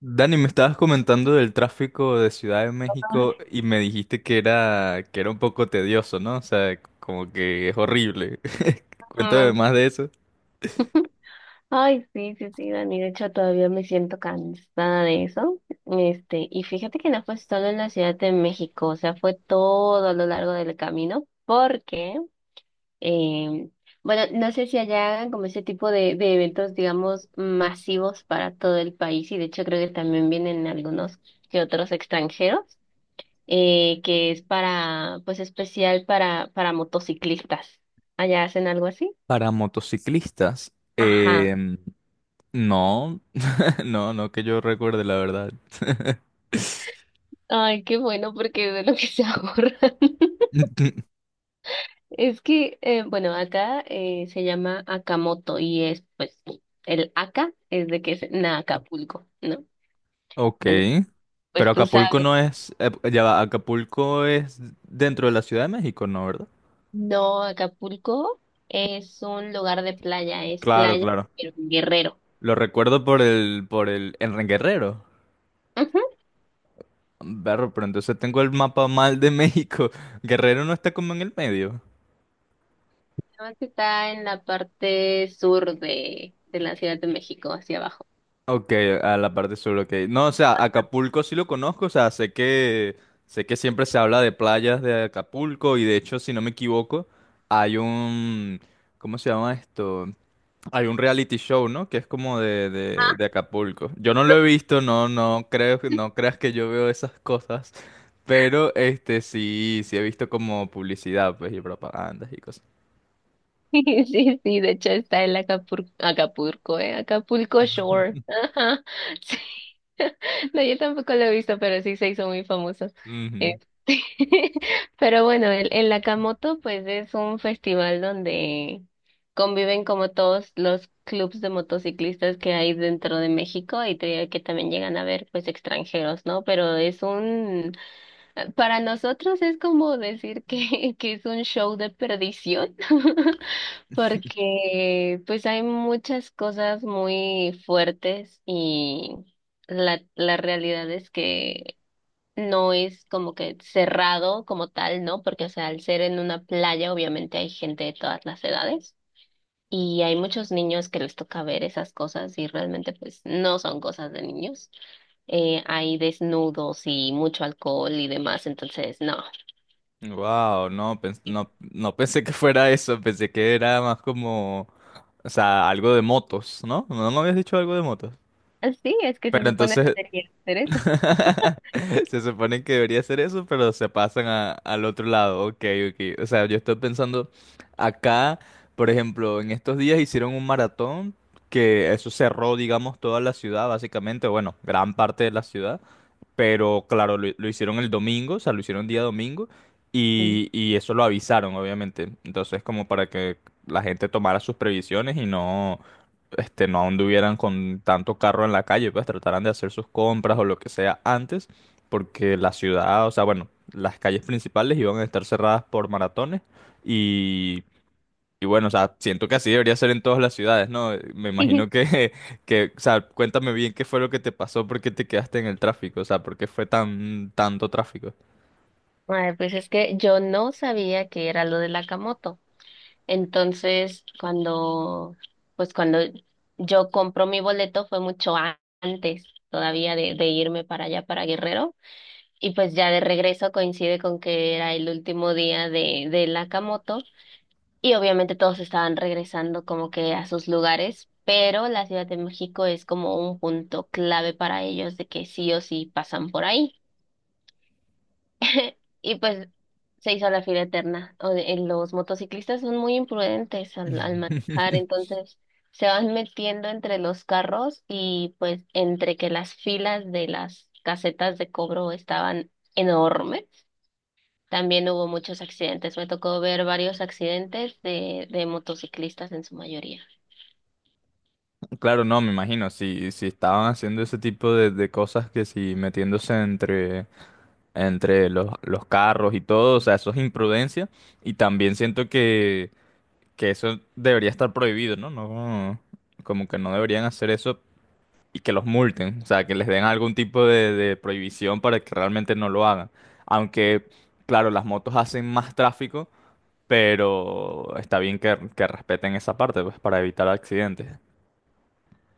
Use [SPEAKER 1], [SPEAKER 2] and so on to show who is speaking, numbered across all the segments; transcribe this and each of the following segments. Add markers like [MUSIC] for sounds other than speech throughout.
[SPEAKER 1] Dani, me estabas comentando del tráfico de Ciudad de México y me dijiste que era un poco tedioso, ¿no? O sea, como que es horrible. [LAUGHS] Cuéntame
[SPEAKER 2] Ajá.
[SPEAKER 1] más de eso.
[SPEAKER 2] Ay, sí, sí, sí, Dani. De hecho, todavía me siento cansada de eso. Este, y fíjate que no fue solo en la Ciudad de México, o sea, fue todo a lo largo del camino, porque, eh, bueno, no sé si allá hagan como ese tipo de eventos, digamos, masivos para todo el país, y de hecho creo que también vienen algunos que otros extranjeros, que es para, pues especial para motociclistas. ¿Allá hacen algo así?
[SPEAKER 1] Para motociclistas,
[SPEAKER 2] Ajá.
[SPEAKER 1] no, [LAUGHS] no que yo recuerde, la verdad.
[SPEAKER 2] Ay, qué bueno, porque de lo que se ahorran. [LAUGHS]
[SPEAKER 1] [LAUGHS]
[SPEAKER 2] Es que, bueno, acá se llama Akamoto y es, pues, el Aka es de que es na Acapulco, ¿no?
[SPEAKER 1] Ok,
[SPEAKER 2] Entonces,
[SPEAKER 1] pero
[SPEAKER 2] pues tú
[SPEAKER 1] Acapulco
[SPEAKER 2] sabes,
[SPEAKER 1] no es, ya va, Acapulco es dentro de la Ciudad de México, ¿no, verdad?
[SPEAKER 2] no, Acapulco es un lugar de playa, es
[SPEAKER 1] Claro,
[SPEAKER 2] playa,
[SPEAKER 1] claro.
[SPEAKER 2] pero en Guerrero.
[SPEAKER 1] Lo recuerdo por el, en Guerrero.
[SPEAKER 2] Ujú.
[SPEAKER 1] Berro, pero entonces tengo el mapa mal de México. Guerrero no está como en el medio.
[SPEAKER 2] Nada más que está en la parte sur de la Ciudad de México, hacia abajo.
[SPEAKER 1] Ok, a la parte sur, ok. No, o sea, Acapulco sí lo conozco, o sea, sé que siempre se habla de playas de Acapulco y de hecho, si no me equivoco, hay un, ¿cómo se llama esto? Hay un reality show, ¿no? Que es como de, de Acapulco. Yo no lo he visto, no, no creo, no creas que yo veo esas cosas, pero este sí, sí he visto como publicidad, pues, y propagandas y cosas.
[SPEAKER 2] [LAUGHS] Sí, sí, de hecho está el Acapulco, ¿eh? Acapulco Shore. Ajá, sí. [LAUGHS] No, yo tampoco lo he visto, pero sí se hizo muy famoso.
[SPEAKER 1] Ujú.
[SPEAKER 2] Este, [LAUGHS] pero bueno, el Nakamoto pues es un festival donde conviven como todos los clubs de motociclistas que hay dentro de México y que también llegan a ver pues extranjeros, ¿no? Pero es un, para nosotros es como decir que, [LAUGHS] que es un show de perdición. [LAUGHS] Porque pues hay muchas cosas muy fuertes y la realidad es que no es como que cerrado como tal, ¿no? Porque, o sea, al ser en una playa, obviamente hay gente de todas las edades y hay muchos niños que les toca ver esas cosas y realmente pues no son cosas de niños. Hay desnudos y mucho alcohol y demás, entonces no.
[SPEAKER 1] Wow, no, no, no pensé que fuera eso, pensé que era más como, o sea, algo de motos, ¿no? No me habías dicho algo de motos.
[SPEAKER 2] [LAUGHS] Sí, es que se
[SPEAKER 1] Pero
[SPEAKER 2] supone que
[SPEAKER 1] entonces,
[SPEAKER 2] debería hacer
[SPEAKER 1] [LAUGHS] se supone que debería ser eso, pero se pasan al otro lado, ok, ok. O sea, yo estoy pensando, acá, por ejemplo, en estos días hicieron un maratón que eso cerró, digamos, toda la ciudad, básicamente, bueno, gran parte de la ciudad, pero claro, lo, hicieron el domingo, o sea, lo hicieron día domingo
[SPEAKER 2] eso.
[SPEAKER 1] y eso lo avisaron, obviamente. Entonces, como para que la gente tomara sus previsiones y no, este, no anduvieran con tanto carro en la calle, pues trataran de hacer sus compras o lo que sea antes, porque la ciudad, o sea, bueno, las calles principales iban a estar cerradas por maratones y y bueno, o sea, siento que así debería ser en todas las ciudades, ¿no? Me imagino
[SPEAKER 2] [LAUGHS]
[SPEAKER 1] que, [LAUGHS] que, o sea, cuéntame bien qué fue lo que te pasó, por qué te quedaste en el tráfico, o sea, por qué fue tan, tanto tráfico.
[SPEAKER 2] Ay, pues es que yo no sabía que era lo de la camoto. Entonces, cuando, pues cuando yo compro mi boleto fue mucho antes todavía de irme para allá, para Guerrero. Y pues ya de regreso coincide con que era el último día de la camoto. Y obviamente todos estaban regresando como que a sus lugares, pero la Ciudad de México es como un punto clave para ellos de que sí o sí pasan por ahí. Y pues se hizo la fila eterna. Los motociclistas son muy imprudentes al manejar,
[SPEAKER 1] [LAUGHS]
[SPEAKER 2] entonces se van metiendo entre los carros y pues entre que las filas de las casetas de cobro estaban enormes, también hubo muchos accidentes. Me tocó ver varios accidentes de motociclistas en su mayoría.
[SPEAKER 1] Claro, no, me imagino, si, si estaban haciendo ese tipo de cosas que si metiéndose entre, entre los, carros y todo, o sea, eso es imprudencia y también siento que eso debería estar prohibido, ¿no? No, como que no deberían hacer eso y que los multen, o sea, que les den algún tipo de prohibición para que realmente no lo hagan. Aunque, claro, las motos hacen más tráfico, pero está bien que respeten esa parte, pues, para evitar accidentes.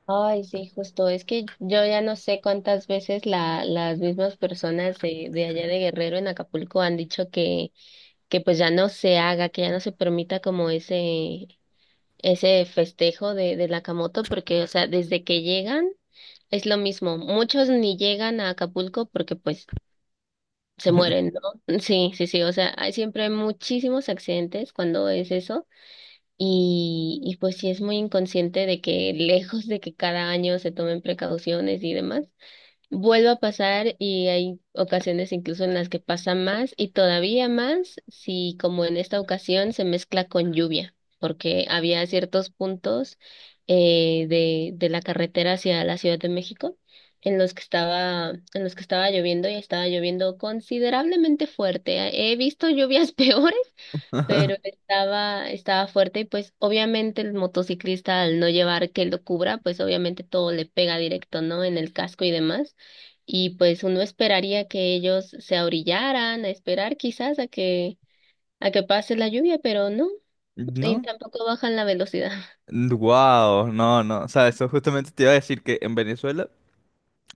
[SPEAKER 2] Ay, sí, justo. Es que yo ya no sé cuántas veces la, las mismas personas de allá de Guerrero en Acapulco han dicho que pues ya no se haga, que ya no se permita como ese festejo de la Camoto, porque, o sea, desde que llegan es lo mismo. Muchos ni llegan a Acapulco porque pues se
[SPEAKER 1] [LAUGHS]
[SPEAKER 2] mueren, ¿no? [LAUGHS] Sí, sí, sí, o sea, hay siempre muchísimos accidentes cuando es eso. Y pues sí es muy inconsciente de que [LAUGHS] lejos de que cada año se tomen precauciones y demás, vuelve a pasar y hay ocasiones incluso en las que pasa más y todavía más si como en esta ocasión se mezcla con lluvia, porque había ciertos puntos de la carretera hacia la Ciudad de México en los que estaba, en los que estaba lloviendo y estaba lloviendo considerablemente fuerte. He visto lluvias [LAUGHS] peores, pero estaba fuerte y pues obviamente el motociclista al no llevar que lo cubra, pues obviamente todo le pega directo, ¿no? En el casco y demás. Y pues uno esperaría que ellos se abrillaran, a esperar quizás a que pase la lluvia, pero no, y
[SPEAKER 1] ¿No?
[SPEAKER 2] tampoco bajan la velocidad.
[SPEAKER 1] Wow, no, no. O sea, eso justamente te iba a decir que en Venezuela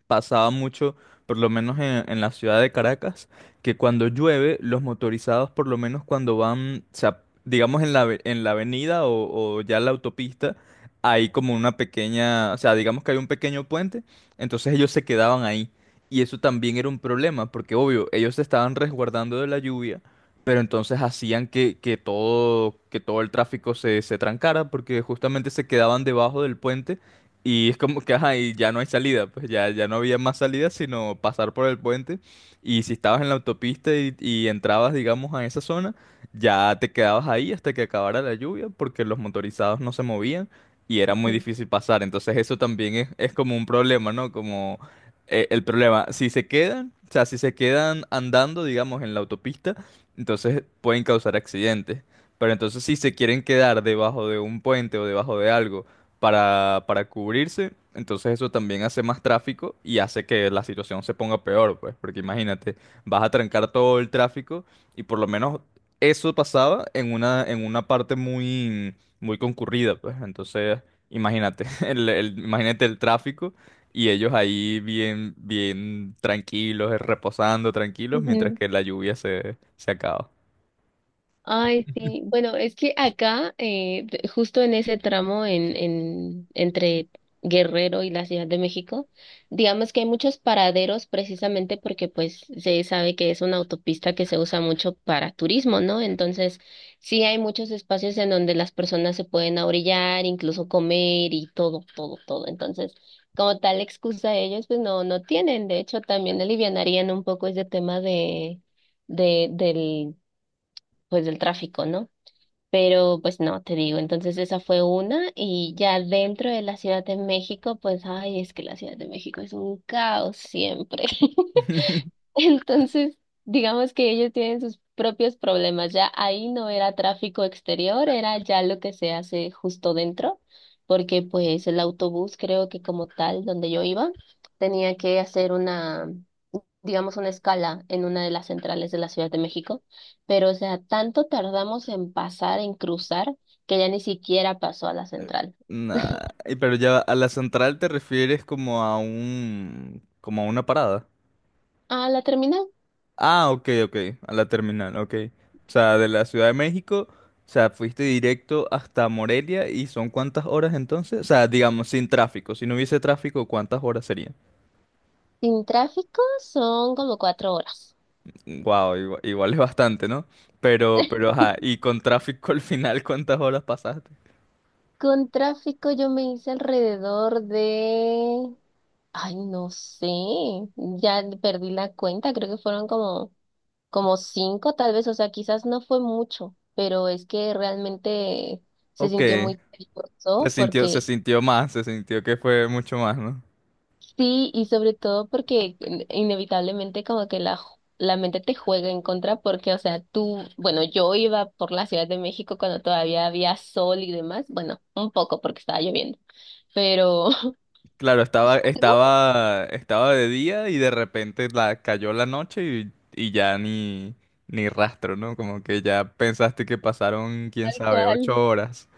[SPEAKER 1] pasaba mucho, por lo menos en la ciudad de Caracas, que cuando llueve, los motorizados, por lo menos cuando van, o sea, digamos en la, en la avenida o ya la autopista, hay como una pequeña, o sea, digamos que hay un pequeño puente, entonces ellos se quedaban ahí. Y eso también era un problema, porque obvio, ellos se estaban resguardando de la lluvia, pero entonces hacían que todo el tráfico se, se trancara, porque justamente se quedaban debajo del puente y es como que, ajá, y ya no hay salida, pues ya, ya no había más salida sino pasar por el puente. Y si estabas en la autopista y entrabas, digamos, a esa zona, ya te quedabas ahí hasta que acabara la lluvia porque los motorizados no se movían y era muy difícil pasar. Entonces eso también es como un problema, ¿no? Como el problema, si se quedan, o sea, si se quedan andando, digamos, en la autopista, entonces pueden causar accidentes. Pero entonces si se quieren quedar debajo de un puente o debajo de algo, para cubrirse. Entonces eso también hace más tráfico y hace que la situación se ponga peor, pues, porque imagínate, vas a trancar todo el tráfico y por lo menos eso pasaba en una parte muy, muy concurrida, pues. Entonces, imagínate, [LAUGHS] el, imagínate el tráfico y ellos ahí bien, bien tranquilos, reposando tranquilos, mientras que
[SPEAKER 2] [LAUGHS]
[SPEAKER 1] la lluvia se, se acaba.
[SPEAKER 2] Ay, sí. Bueno, es que acá, justo en ese tramo entre Guerrero y la Ciudad de México, digamos que hay muchos paraderos precisamente porque pues se sabe que es una autopista que se usa mucho para turismo, ¿no? Entonces, sí hay muchos espacios en donde las personas se pueden ahorillar, incluso comer y todo, todo, todo. Entonces, como tal excusa ellos, pues no, no tienen. De hecho, también alivianarían un poco ese tema de... del pues del tráfico, ¿no? Pero pues no, te digo, entonces esa fue una y ya dentro de la Ciudad de México, pues ay, es que la Ciudad de México es un caos siempre.
[SPEAKER 1] [LAUGHS]
[SPEAKER 2] [LAUGHS] Entonces, digamos que ellos tienen sus propios problemas, ya ahí no era tráfico exterior, era ya lo que se hace justo dentro, porque pues el autobús creo que como tal, donde yo iba, tenía que hacer una, digamos, una escala en una de las centrales de la Ciudad de México, pero o sea, tanto tardamos en pasar, en cruzar, que ya ni siquiera pasó a la central.
[SPEAKER 1] Nah, y pero ya a la central te refieres como a un, como a una parada.
[SPEAKER 2] A la terminal,
[SPEAKER 1] Ah, ok, ok, a la terminal, ok. O sea, de la Ciudad de México, o sea, fuiste directo hasta Morelia y ¿son cuántas horas entonces? O sea, digamos, sin tráfico, si no hubiese tráfico, ¿cuántas horas serían?
[SPEAKER 2] sin tráfico, son como 4 horas.
[SPEAKER 1] Wow, igual, igual es bastante, ¿no? Pero, ajá, y con tráfico al final, ¿cuántas horas pasaste?
[SPEAKER 2] Con tráfico yo me hice alrededor de... Ay, no sé, ya perdí la cuenta, creo que fueron como, como cinco tal vez, o sea, quizás no fue mucho, pero es que realmente se
[SPEAKER 1] Ok,
[SPEAKER 2] sintió muy peligroso
[SPEAKER 1] se
[SPEAKER 2] porque
[SPEAKER 1] sintió más, se sintió que fue mucho más, ¿no?
[SPEAKER 2] sí, y sobre todo porque inevitablemente como que la, la mente te juega en contra porque, o sea, tú, bueno, yo iba por la Ciudad de México cuando todavía había sol y demás, bueno, un poco porque estaba lloviendo, pero [LAUGHS]
[SPEAKER 1] Claro, estaba,
[SPEAKER 2] algo
[SPEAKER 1] estaba de día y de repente la, cayó la noche y ya ni, ni rastro, ¿no? Como que ya pensaste que pasaron, quién
[SPEAKER 2] tal
[SPEAKER 1] sabe, ocho
[SPEAKER 2] cual.
[SPEAKER 1] horas.